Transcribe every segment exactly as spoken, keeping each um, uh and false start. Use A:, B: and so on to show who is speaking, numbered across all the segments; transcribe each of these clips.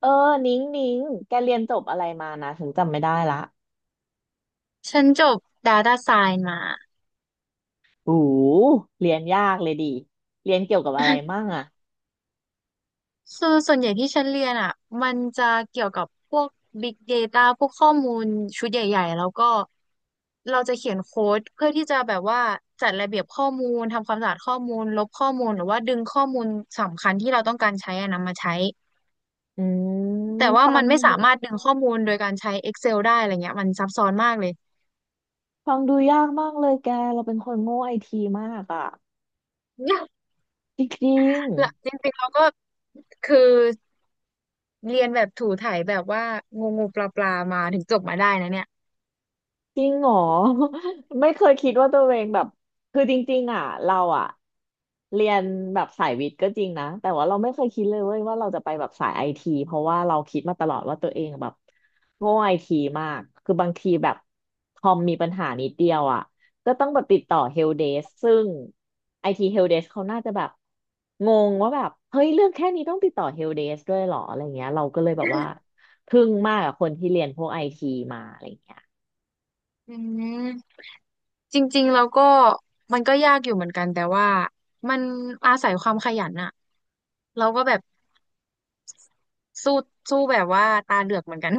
A: เออนิ้งนิ้งแกเรียนจบอะไรมานะถึงจำไม่ได้ละ
B: ฉันจบ Data Science มา
A: หูเรียนยากเลยดิเรียนเกี่ยวกับอะไรมั่งอะ
B: คือส่วนใหญ่ที่ฉันเรียนอ่ะมันจะเกี่ยวกับพวก Big Data พวกข้อมูลชุดใหญ่ๆ แล้วก็เราจะเขียนโค้ดเพื่อที่จะแบบว่าจัดระเบียบข้อมูล ทำความสะอาดข้อมูลลบข้อมูลหรือว่าดึงข้อมูลสำคัญที่เราต้องการใช้อะนำมาใช้
A: อืม
B: แต่ว่า
A: ฟั
B: มั
A: ง
B: นไม่
A: ดู
B: สามารถดึงข้อมูลโดยการใช้ Excel ได้อะไรเงี้ยมันซับซ้อนมากเลย
A: ฟังดูยากมากเลยแกเราเป็นคนโง่ไอทีมากอะจริง
B: ละจริงๆเราก็คือเรียนแบบถูไถแบบว่างูงูปลาปลามาถึงจบมาได้นะเนี่ย
A: จริงเหรอ ไม่เคยคิดว่าตัวเองแบบคือจริงๆอ่ะเราอ่ะเรียนแบบสายวิทย์ก็จริงนะแต่ว่าเราไม่เคยคิดเลยเว้ยว่าเราจะไปแบบสายไอทีเพราะว่าเราคิดมาตลอดว่าตัวเองแบบโง่ไอทีมากคือบางทีแบบคอมมีปัญหานิดเดียวอ่ะก็ต้องแบบติดต่อเฮลเดสซึ่งไอทีเฮลเดสเขาน่าจะแบบงงว่าแบบเฮ้ยเรื่องแค่นี้ต้องติดต่อเฮลเดสด้วยเหรออะไรเงี้ยเราก็เลยแบบว่าทึ่งมากกับคนที่เรียนพวกไอทีมาอะไรเงี้ย
B: อืมจริงๆแล้วก็มันก็ยากอยู่เหมือนกันแต่ว่ามันอาศัยความขยันอะเราก็แบบสู้สู้แบบว่าตาเหลือกเหมือนกัน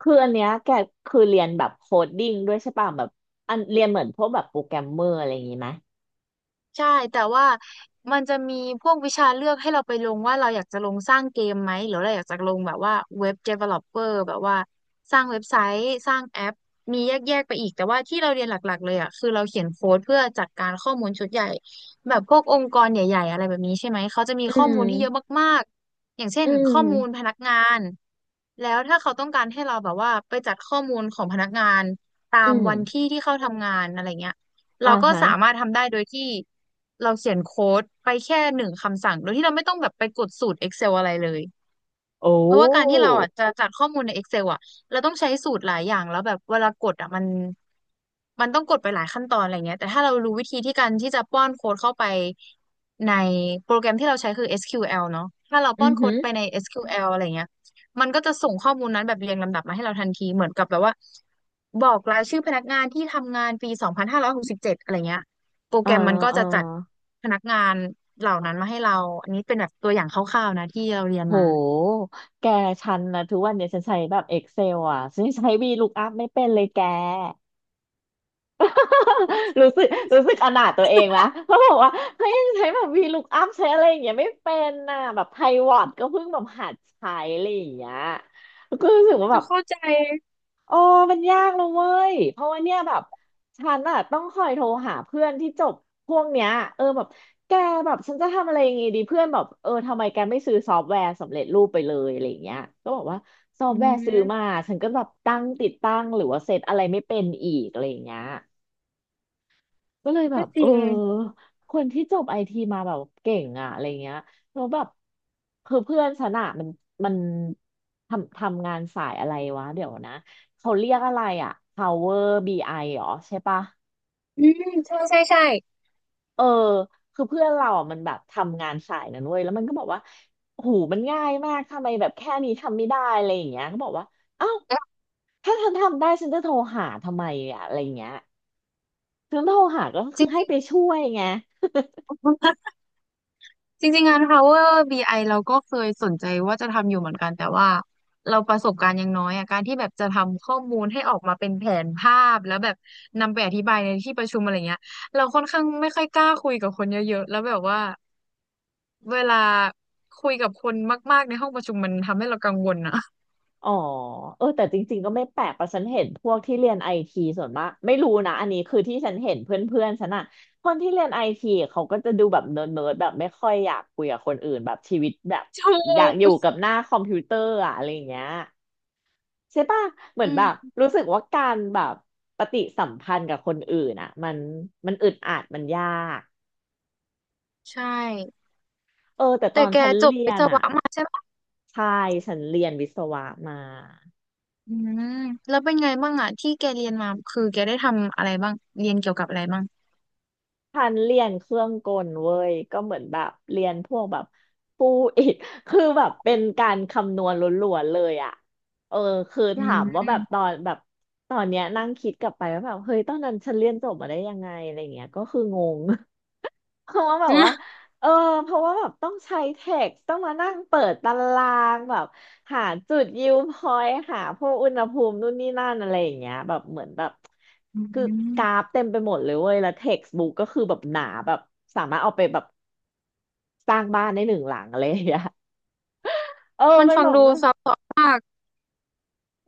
A: คืออันเนี้ยแกคือเรียนแบบโคดดิ้งด้วยใช่ป่ะแบบอันเรียนเหมือนพวกแบบโปรแกรมเมอร์อะไรอย่างงี้ไหม
B: ใช่แต่ว่ามันจะมีพวกวิชาเลือกให้เราไปลงว่าเราอยากจะลงสร้างเกมไหมหรือเราอยากจะลงแบบว่าเว็บ developer แบบว่าสร้างเว็บไซต์สร้างแอปมีแยกๆไปอีกแต่ว่าที่เราเรียนหลักๆเลยอ่ะคือเราเขียนโค้ดเพื่อจัดการข้อมูลชุดใหญ่แบบพวกองค์กรใหญ่ๆอะไรแบบนี้ใช่ไหมเขาจะมี
A: อื
B: ข้อมู
A: ม
B: ลที่เยอะมากๆอย่างเช่
A: อื
B: นข้อมูลพ
A: ม
B: นักงานแล้วถ้าเขาต้องการให้เราแบบว่าไปจัดข้อมูลของพนักงานตา
A: อื
B: ม
A: ม
B: วันที่ที่เขาทำงานอะไรเงี้ย เรา
A: อ่า
B: ก็
A: ฮะ
B: สามารถทำได้โดยที่เราเขียนโค้ดไปแค่หนึ่งคำสั่งโดยที่เราไม่ต้องแบบไปกดสูตร Excel อะไรเลย
A: โอ้
B: เพราะว่าการที่เราอ่ะจะจัดข้อมูลใน Excel อ่ะเราต้องใช้สูตรหลายอย่างแล้วแบบเวลากดอ่ะมันมันต้องกดไปหลายขั้นตอนอะไรเงี้ยแต่ถ้าเรารู้วิธีที่การที่จะป้อนโค้ดเข้าไปในโปรแกรมที่เราใช้คือ เอส คิว แอล เนาะถ้าเรา
A: อื
B: ป้อ
A: อ
B: นโค้
A: หื
B: ด
A: อ
B: ไปใน เอส คิว แอล อสคิวแอลอะไรเงี้ยมันก็จะส่งข้อมูลนั้นแบบเรียงลำดับมาให้เราทันทีเหมือนกับแบบว่าบอกรายชื่อพนักงานที่ทำงานปีสองพันห้าร้อยหกสิบเจ็ดอะไรเงี้ยโปรแก
A: อ่า
B: รมมันก็
A: อ่า
B: จะจัดพนักงานเหล่านั้นมาให้เราอันนี้เป็นแบบตัวอย่างคร่าวๆนะที่เราเรียน
A: โ
B: มา
A: หแกชันนะทุกวันเนี่ยฉันใช้แบบ เอ็กเซล อ่ะฉันใช้ VLOOKUP ไม่เป็นเลยแก รู้สึกรู้สึกอนาถตัวเองนะเพราะบอกว่าเฮ้ยยังใช้แบบ VLOOKUP ใช้อะไรอย่างเงี้ยไม่เป็นน่ะแบบไพวอตก็เพิ่งแบบหัดใช้อะไรอย่างเงี้ยก็รู้สึกว่าแบ
B: จะ
A: บ
B: เข้าใจ
A: โอ้มันยากเลยเว้ยเพราะว่าเนี่ยแบบฉันอะต้องคอยโทรหาเพื่อนที่จบพวกเนี้ยเออแบบแกแบบฉันจะทำอะไรอยังงี้ดีเพื่อนแบบเออทำไมแกไม่ซื้อซอฟต์แวร์สำเร็จรูปไปเลยอะไรอย่างเงี้ยก็บอกว่าซอฟ
B: อื
A: ต์แวร์ซื้อมา
B: ม
A: ฉันก็แบบตั้งติดตั้งหรือว่าเซตอะไรไม่เป็นอีกอะไรอย่างเงี้ย ก็เลยแบ
B: ก็
A: บ
B: จ
A: เออ
B: ริง
A: คนที่จบไอทีมาแบบเก่งอะอะไรเงี้ยแล้วแบบคือเพื่อนฉันอะมันมันทำทำงานสายอะไรวะเดี๋ยวนะเขาเรียกอะไรอะ Power บี ไอ เหรอใช่ปะ
B: อืมใช่ใช่ใช่
A: เออคือเพื่อนเราอ่ะมันแบบทำงานสายนั้นเว้ยแล้วมันก็บอกว่าหูมันง่ายมากทำไมแบบแค่นี้ทำไม่ได้อะไรอย่างเงี้ยก็บอกว่าเอ้า
B: แล้ว
A: ถ้าฉันทำได้ฉันจะโทรหาทำไมอ่ะอะไรอย่างเงี้ยฉันโทรหาก็
B: จ
A: คือให้
B: ริง
A: ไป
B: ๆ
A: ช่วยไง
B: จริงๆงาน Power บี ไอ เราก็เคยสนใจว่าจะทำอยู่เหมือนกันแต่ว่าเราประสบการณ์ยังน้อยอ่ะการที่แบบจะทำข้อมูลให้ออกมาเป็นแผนภาพแล้วแบบนำไปอธิบายในที่ประชุมอะไรเงี้ยเราค่อนข้างไม่ค่อยกล้าคุยกับคนเยอะๆแล้วแบบว่าเวลาคุยกับคนมากๆในห้องประชุมมันทำให้เรากังวลอ่ะ
A: อ๋อเออแต่จริงๆก็ไม่แปลกเพราะฉันเห็นพวกที่เรียนไอทีส่วนมากไม่รู้นะอันนี้คือที่ฉันเห็นเพื่อนๆฉันอะคนที่เรียนไอทีเขาก็จะดูแบบเนิร์ดๆแบบไม่ค่อยอยากคุยกับคนอื่นแบบชีวิตแบบ
B: ถู
A: อยาก
B: ก
A: อยู่กับหน้าคอมพิวเตอร์อะอะไรอย่างเงี้ยใช่ป่ะเหมือ
B: อื
A: นแบบ
B: ม
A: รู้สึกว่าการแบบปฏิสัมพันธ์กับคนอื่นอะมันมันอึดอัดมันยาก
B: ใช่
A: เออแต่ต
B: แต่
A: อน
B: แก
A: ฉัน
B: จบ
A: เรีย
B: วิศ
A: นอะ
B: วะมาใช่ไหม
A: ใช่ฉันเรียนวิศวะมา
B: อืมแล้วเป็นไงบ้างอ่ะที่แกเรียนมาคือแกได้ทำอะไรบ้างเรียนเกี่ยวกับอะไรบ้าง
A: พันเรียนเครื่องกลเว้ยก็เหมือนแบบเรียนพวกแบบฟูอิฐ คือแบบเป็นการคำนวณล้วนๆเลยอ่ะเออคือ
B: อืม
A: ถามว่า
B: อื
A: แบบตอนแบบตอนเนี้ยนั่งคิดกลับไปว่าแบบเฮ้ยตอนนั้นฉันเรียนจบมาได้ยังไงอะไรเงี้ยก็คืองง เพราะว่าแบบว่า
B: ม
A: เออเพราะว่าแบบต้องใช้เท็กซ์ต้องมานั่งเปิดตารางแบบหาจุดยิวพอยต์หาพวกอุณหภูมินู่นนี่นั่นอะไรอย่างเงี้ยแบบเหมือนแบบ
B: อื
A: คือกรา
B: ม
A: ฟเต็มไปหมดเลยเว้ยแล้วเท็กซ์บุ๊กก็คือแบบหนาแบบสามารถเอาไปแบบสร้างบ้านได้หนึ่งหลังอะไรอย่างเงี้ยเออ
B: มัน
A: มัน
B: ฟัง
A: แบ
B: ดู
A: บ
B: ซับซ้อนมาก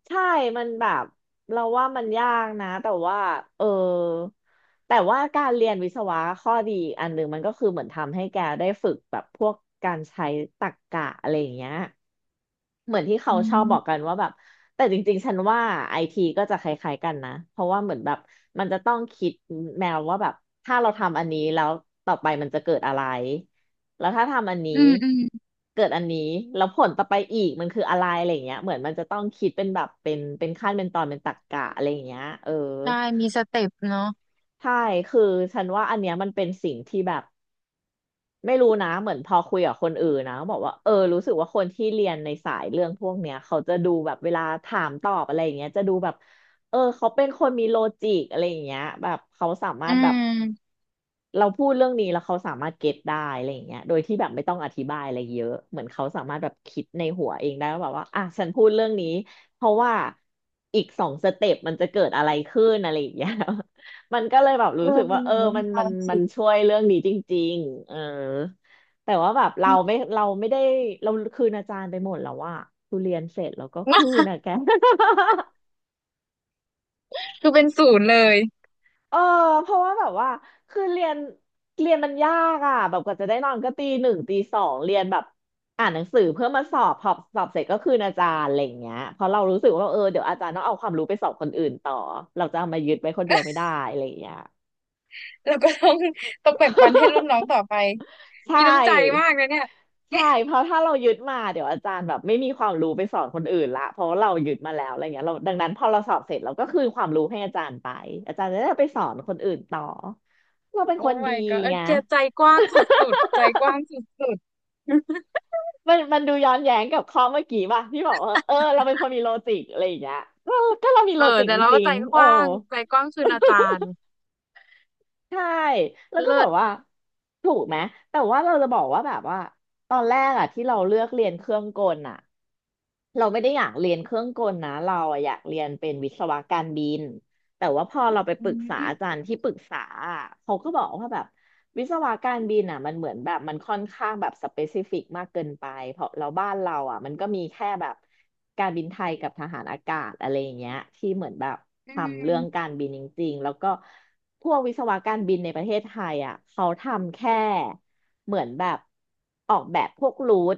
A: ใช่ มันแบบเราว่ามันยากนะ แต่ว่า เออ แต่ว่าการเรียนวิศวะข้อดีอันหนึ่งมันก็คือเหมือนทำให้แกได้ฝึกแบบพวกการใช้ตรรกะอะไรอย่างเงี้ย เหมือนที่เขา
B: อื
A: ชอบบอกกั
B: ม
A: นว่าแบบแต่จริงๆ ฉันว่าไอทีก็จะคล้ายๆกันนะเพราะว่าเหมือนแบบมันจะต้องคิดแนวว่าแบบถ้าเราทำอันนี้แล้วต่อไปมันจะเกิดอะไรแล้วถ้าทำอันนี้
B: อืมอืม
A: เกิดอันนี้แล้วผลต่อไปอีกมันคืออะไรอะไรอย่างเงี้ยเหมือนมันจะต้องคิดเป็นแบบเป็นเป็นขั้นเป็นตอนเป็นตรรกะอะไรอย่างเงี้ยเออ
B: ใช่มีสเต็ปเนาะ
A: ใช่คือฉันว่าอันเนี้ยมันเป็นสิ่งที่แบบ ไม่รู้นะเหมือนพอคุยกับคนอื่นนะบอกว่าเออรู้สึกว่าคนที่เรียนในสายเรื่องพวกเนี้ยเขาจะดูแบบเวลาถามตอบอะไรอย่างเงี้ยจะดูแบบเออเขาเป็นคนมีโลจิกอะไรอย่างเงี้ยแบบเขาสามาร
B: อื
A: ถแบบ
B: ม
A: เราพูดเรื่องนี้แล้วเขาสามารถเก็ตได้อะไรอย่างเงี้ยโดยที่แบบไม่ต้องอธิบายอะไรเยอะ เหมือนเขาสามารถแบบคิดในหัวเองได้ว่าแบบว่าอ่ะฉันพูดเรื่องนี้เพราะว่าอีกสองสเต็ปมันจะเกิดอะไรขึ้นอะไรอย่างเงี้ย มันก็เลยแบบ
B: เอ
A: รู้สึ
B: อ
A: ก
B: เป็
A: ว่า
B: น
A: เอ
B: แบ
A: อ
B: บว่า
A: มั
B: มี
A: น
B: ล
A: มั
B: อ
A: น
B: ง
A: มั
B: สิ
A: นช่วยเรื่องนี้จริงๆเออแต่ว่าแบบเราไม่เราไม่ได้เราคืนอาจารย์ไปหมดแล้วว่าทุเรียนเสร็จแล้วก็คืน นะแก
B: คือเป็นศูนย์เลย
A: เออเพราะว่าแบบว่าคือเรียนเรียนมันยากอ่ะแบบกว่าจะได้นอนก็ตีหนึ่งตีสองเรียนแบบอ่านหนังสือเพื่อมาสอบพอสอบเสร็จก็คืนอาจารย์อะไรอย่างเงี้ยเพราะเรารู้สึกว่าเออเดี๋ยวอาจารย์ต้องเอาความรู้ไปสอบคนอื่นต่อเราจะเอามายึดไว้คนเดียวไม่ได้อะไรอย่างเงี้ย
B: แล้วก็ต้อง ต้องแบ่งปันให้รุ่นน้องต่อไป
A: ใช
B: มีน้ำใจ
A: ่
B: มากนะเนี่ย
A: ใช่เพราะถ้าเรายึดมาเดี๋ยวอาจารย์แบบไม่มีความรู้ไปสอนคนอื่นละเพราะว่าเรายึดมาแล้วอะไรเงี้ยเราดังนั้นพอเราสอบเสร็จเราก็คืนความรู้ให้อาจารย์ไปอาจารย์จะได้เอาไปสอนคนอื่นต่อเราเป็น
B: โอ้
A: คนดี
B: my god เออ
A: ไง
B: แกใจกว้างสุดๆใจกว้างสุดๆ
A: มันมันดูย้อนแย้งกับข้อเมื่อกี้ป่ะที่บอกว่าเออเราเป็นคนมีโลจิกอะไรอย่างเงี้ยก็ก็เรามี
B: เอ
A: โล
B: อ
A: จิก
B: แต่
A: จ
B: เราก็
A: ริง
B: ใจ
A: ๆ
B: ก
A: โอ้
B: ว้างใจกว้างคืออาจารย์
A: ใช่แล้วก็
B: เลิ
A: แบ
B: ศ
A: บว่าถูกไหมแต่ว่าเราจะบอกว่าแบบว่าตอนแรกอะที่เราเลือกเรียนเครื่องกลอะ เราไม่ได้อยากเรียนเครื่องกลนะเราอะอยากเรียนเป็นวิศวะการบินแต่ว่าพอเราไปป
B: อื
A: รึกษาอาจา
B: ม
A: รย์ที่ปรึกษาอะเขาก็บอกว่าแบบวิศวะการบินอ่ะมันเหมือนแบบมันค่อนข้างแบบสเปซิฟิกมากเกินไปเพราะเราบ้านเราอ่ะมันก็มีแค่แบบการบินไทยกับทหารอากาศอะไรอย่างเงี้ยที่เหมือนแบบ
B: อื
A: ทำเรื่
B: ม
A: องการบินจริงๆแล้วก็พวกวิศวะการบินในประเทศไทยอ่ะเขาทำแค่ เหมือนแบบออกแบบพวกรูท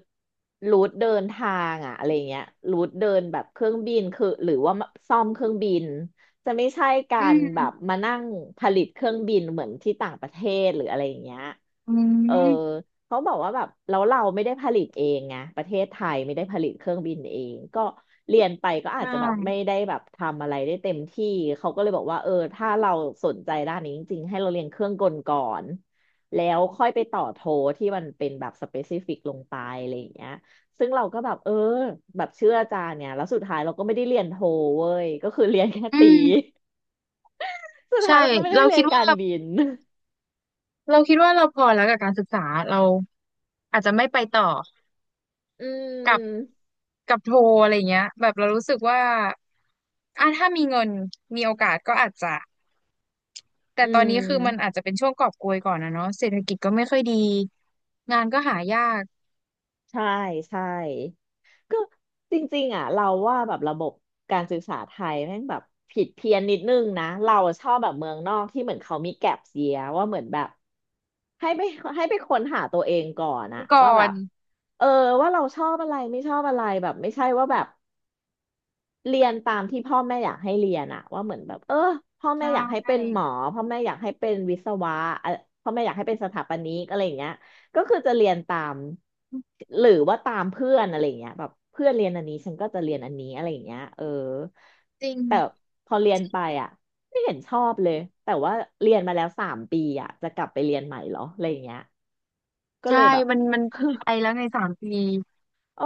A: รูทเดินทางอะอะไรเงี้ยรูทเดินแบบเครื่องบินคือหรือว่าซ่อมเครื่องบินจะไม่ใช่กา
B: อื
A: รแบบ
B: ม
A: มานั่งผลิตเครื่องบินเหมือนที่ต่างประเทศหรืออะไรอย่างเงี้ย
B: อื
A: เออ
B: ม
A: เขาบอกว่าแบบแล้วเราไม่ได้ผลิตเองไงประเทศไทยไม่ได้ผลิตเครื่องบินเองก็เรียนไปก็อาจ
B: ใช่
A: จะแบบไม่ได้แบบทำอะไรได้เต็มที่เขาก็เลยบอกว่าเออถ้าเราสนใจด้านนี้จริงๆให้เราเรียนเครื่องกลก่อน แล้วค่อยไปต่อโทที่มันเป็นแบบสเปซิฟิกลงไปอะไรอย่างเงี้ยซึ่งเราก็แบบเออแบบเชื่ออาจารย์เนี่ยแล้วสุดท้ายเราก็ไม่ได้เรียนโทเว้ยก็คือเรียนแค่
B: อื
A: ตี
B: ม
A: สุด
B: ใช่
A: ท้ายเราก็ไม่ได้
B: เรา
A: เรีย
B: คิ
A: น
B: ดว่า
A: การบิน
B: เราคิดว่าเราพอแล้วกับการศึกษาเราอาจจะไม่ไปต่อ
A: อื
B: กับ
A: ม
B: กับโทอะไรเงี้ยแบบเรารู้สึกว่าอ่ะถ้ามีเงินมีโอกาสก็อาจจะแต่
A: อื
B: ตอนนี้คือมันอาจ
A: ม
B: จะเป็นช่วงกอบโกยก่อนนะเนาะเศรษฐกิจก็ไม่ค่อยดีงานก็หายาก
A: ใช่ใช่ก็จริงๆอ่ะเราว่าแบบระบบการศึกษาไทยแม่งแบบผิดเพี้ยนนิดนึงนะเราชอบแบบเมืองนอกที่เหมือนเขามีแก็ปเยียร์ว่าเหมือนแบบ ให้ไป ให้ไปค้นหาตัวเองก่อนอะ
B: ก่
A: ว่า
B: อ
A: แบ
B: น
A: บเออว่าเราชอบอะไรไม่ชอบอะไรแบบไม่ใช่ว่าแบบเรียนตามที่พ่อแม่อยากให้เรียนอะว่าเหมือนแบบเออพ่อ
B: ใช
A: แม่อยากให้เป็นห
B: ่
A: มอพ่อแม่อยากให้เป็นวิศวะอะพ่อแม่อยากให้เป็นสถาปนิกอะไรอย่างเงี้ยก็คือจะเรียนตามหรือว่าตามเพื่อนอะไรอย่างเงี้ยแบบเพื่อนเรียนอันนี้ฉันก็จะเรียนอันนี้อะไรอย่างเงี้ยเออ
B: จริง
A: แต่พอเรียนไปอะไม่เห็นชอบเลยแต่ว่าเรียนมาแล้วสามปีอ่ะจะกลับไปเรียนใหม่เหรออะไรอย่างเงี้ย ก็
B: ใช่
A: เลยแบบ
B: มันมัน ไปแล้วในสามปี
A: เออ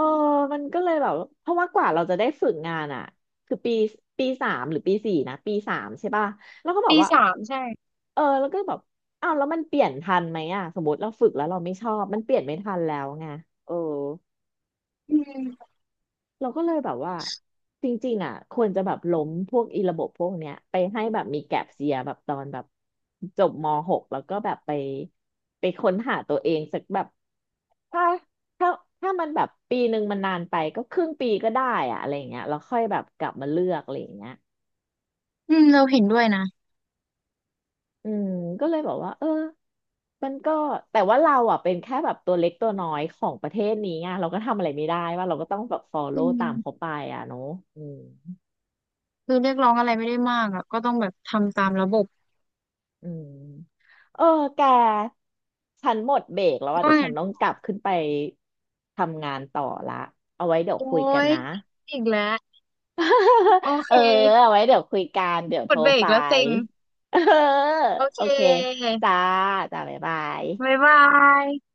A: มันก็เลยแบบเพราะว่ากว่าเราจะได้ฝึกงานอ่ะคือปีปีสามหรือปีสี่นะปีสามใช่ป่ะแล้วก็บอก
B: ปี
A: ว่า
B: สามใช่
A: เออแล้วก็แบบอ้าวแล้วมันเปลี่ยนทันไหมอ่ะสมมติเราฝึกแล้วเราไม่ชอบมันเปลี่ยนไม่ทันแล้วไงเออ
B: อืม
A: เราก็เลยแบบว่าจริงๆอ่ะควรจะแบบล้มพวกอีระบบพวกเนี้ยไปให้แบบมีแก็ปเซียแบบตอนแบบจบม .หก แล้วก็แบบไปไปค้นหาตัวเองสักแบบถ้าถ้าถ้ามันแบบปีหนึ่งมันนานไปก็ครึ่งปีก็ได้อะอะไรอย่างเงี้ยแล้วค่อยแบบกลับมาเลือกอะไรอย่างเงี้ย
B: อืมเราเห็นด้วยนะ
A: อืมก็เลยบอกว่าเออมันก็แต่ว่าเราอ่ะเป็นแค่แบบตัวเล็กตัวน้อยของประเทศนี้ไงเราก็ทำอะไรไม่ได้ว่าเราก็ต้องแบบ
B: อื
A: follow ตามเขา
B: ม
A: ไปอ่ะเนาะอืม
B: คือเรียกร้องอะไรไม่ได้มากอ่ะก็ต้องแบบทำตามระบบ
A: อืมเออแกฉันหมดเบรกแล้วอ่ะ
B: ก็
A: เดี๋ยว
B: ไง
A: ฉันต้องกลับขึ้นไปทำงานต่อละเอาไว้เดี๋ยว
B: โอ้
A: คุยกัน
B: ย
A: นะ
B: อีกแล้วโอ
A: เอ
B: เค
A: อเอาไว้เดี๋ยวคุยกันเดี๋ยว
B: ก
A: โทร
B: ดเบร
A: ไป
B: กแล้วเซ็ง
A: เออ
B: โอ
A: โอ
B: เค
A: เคจ้าจ้าบ๊ายบาย
B: บ๊ายบาย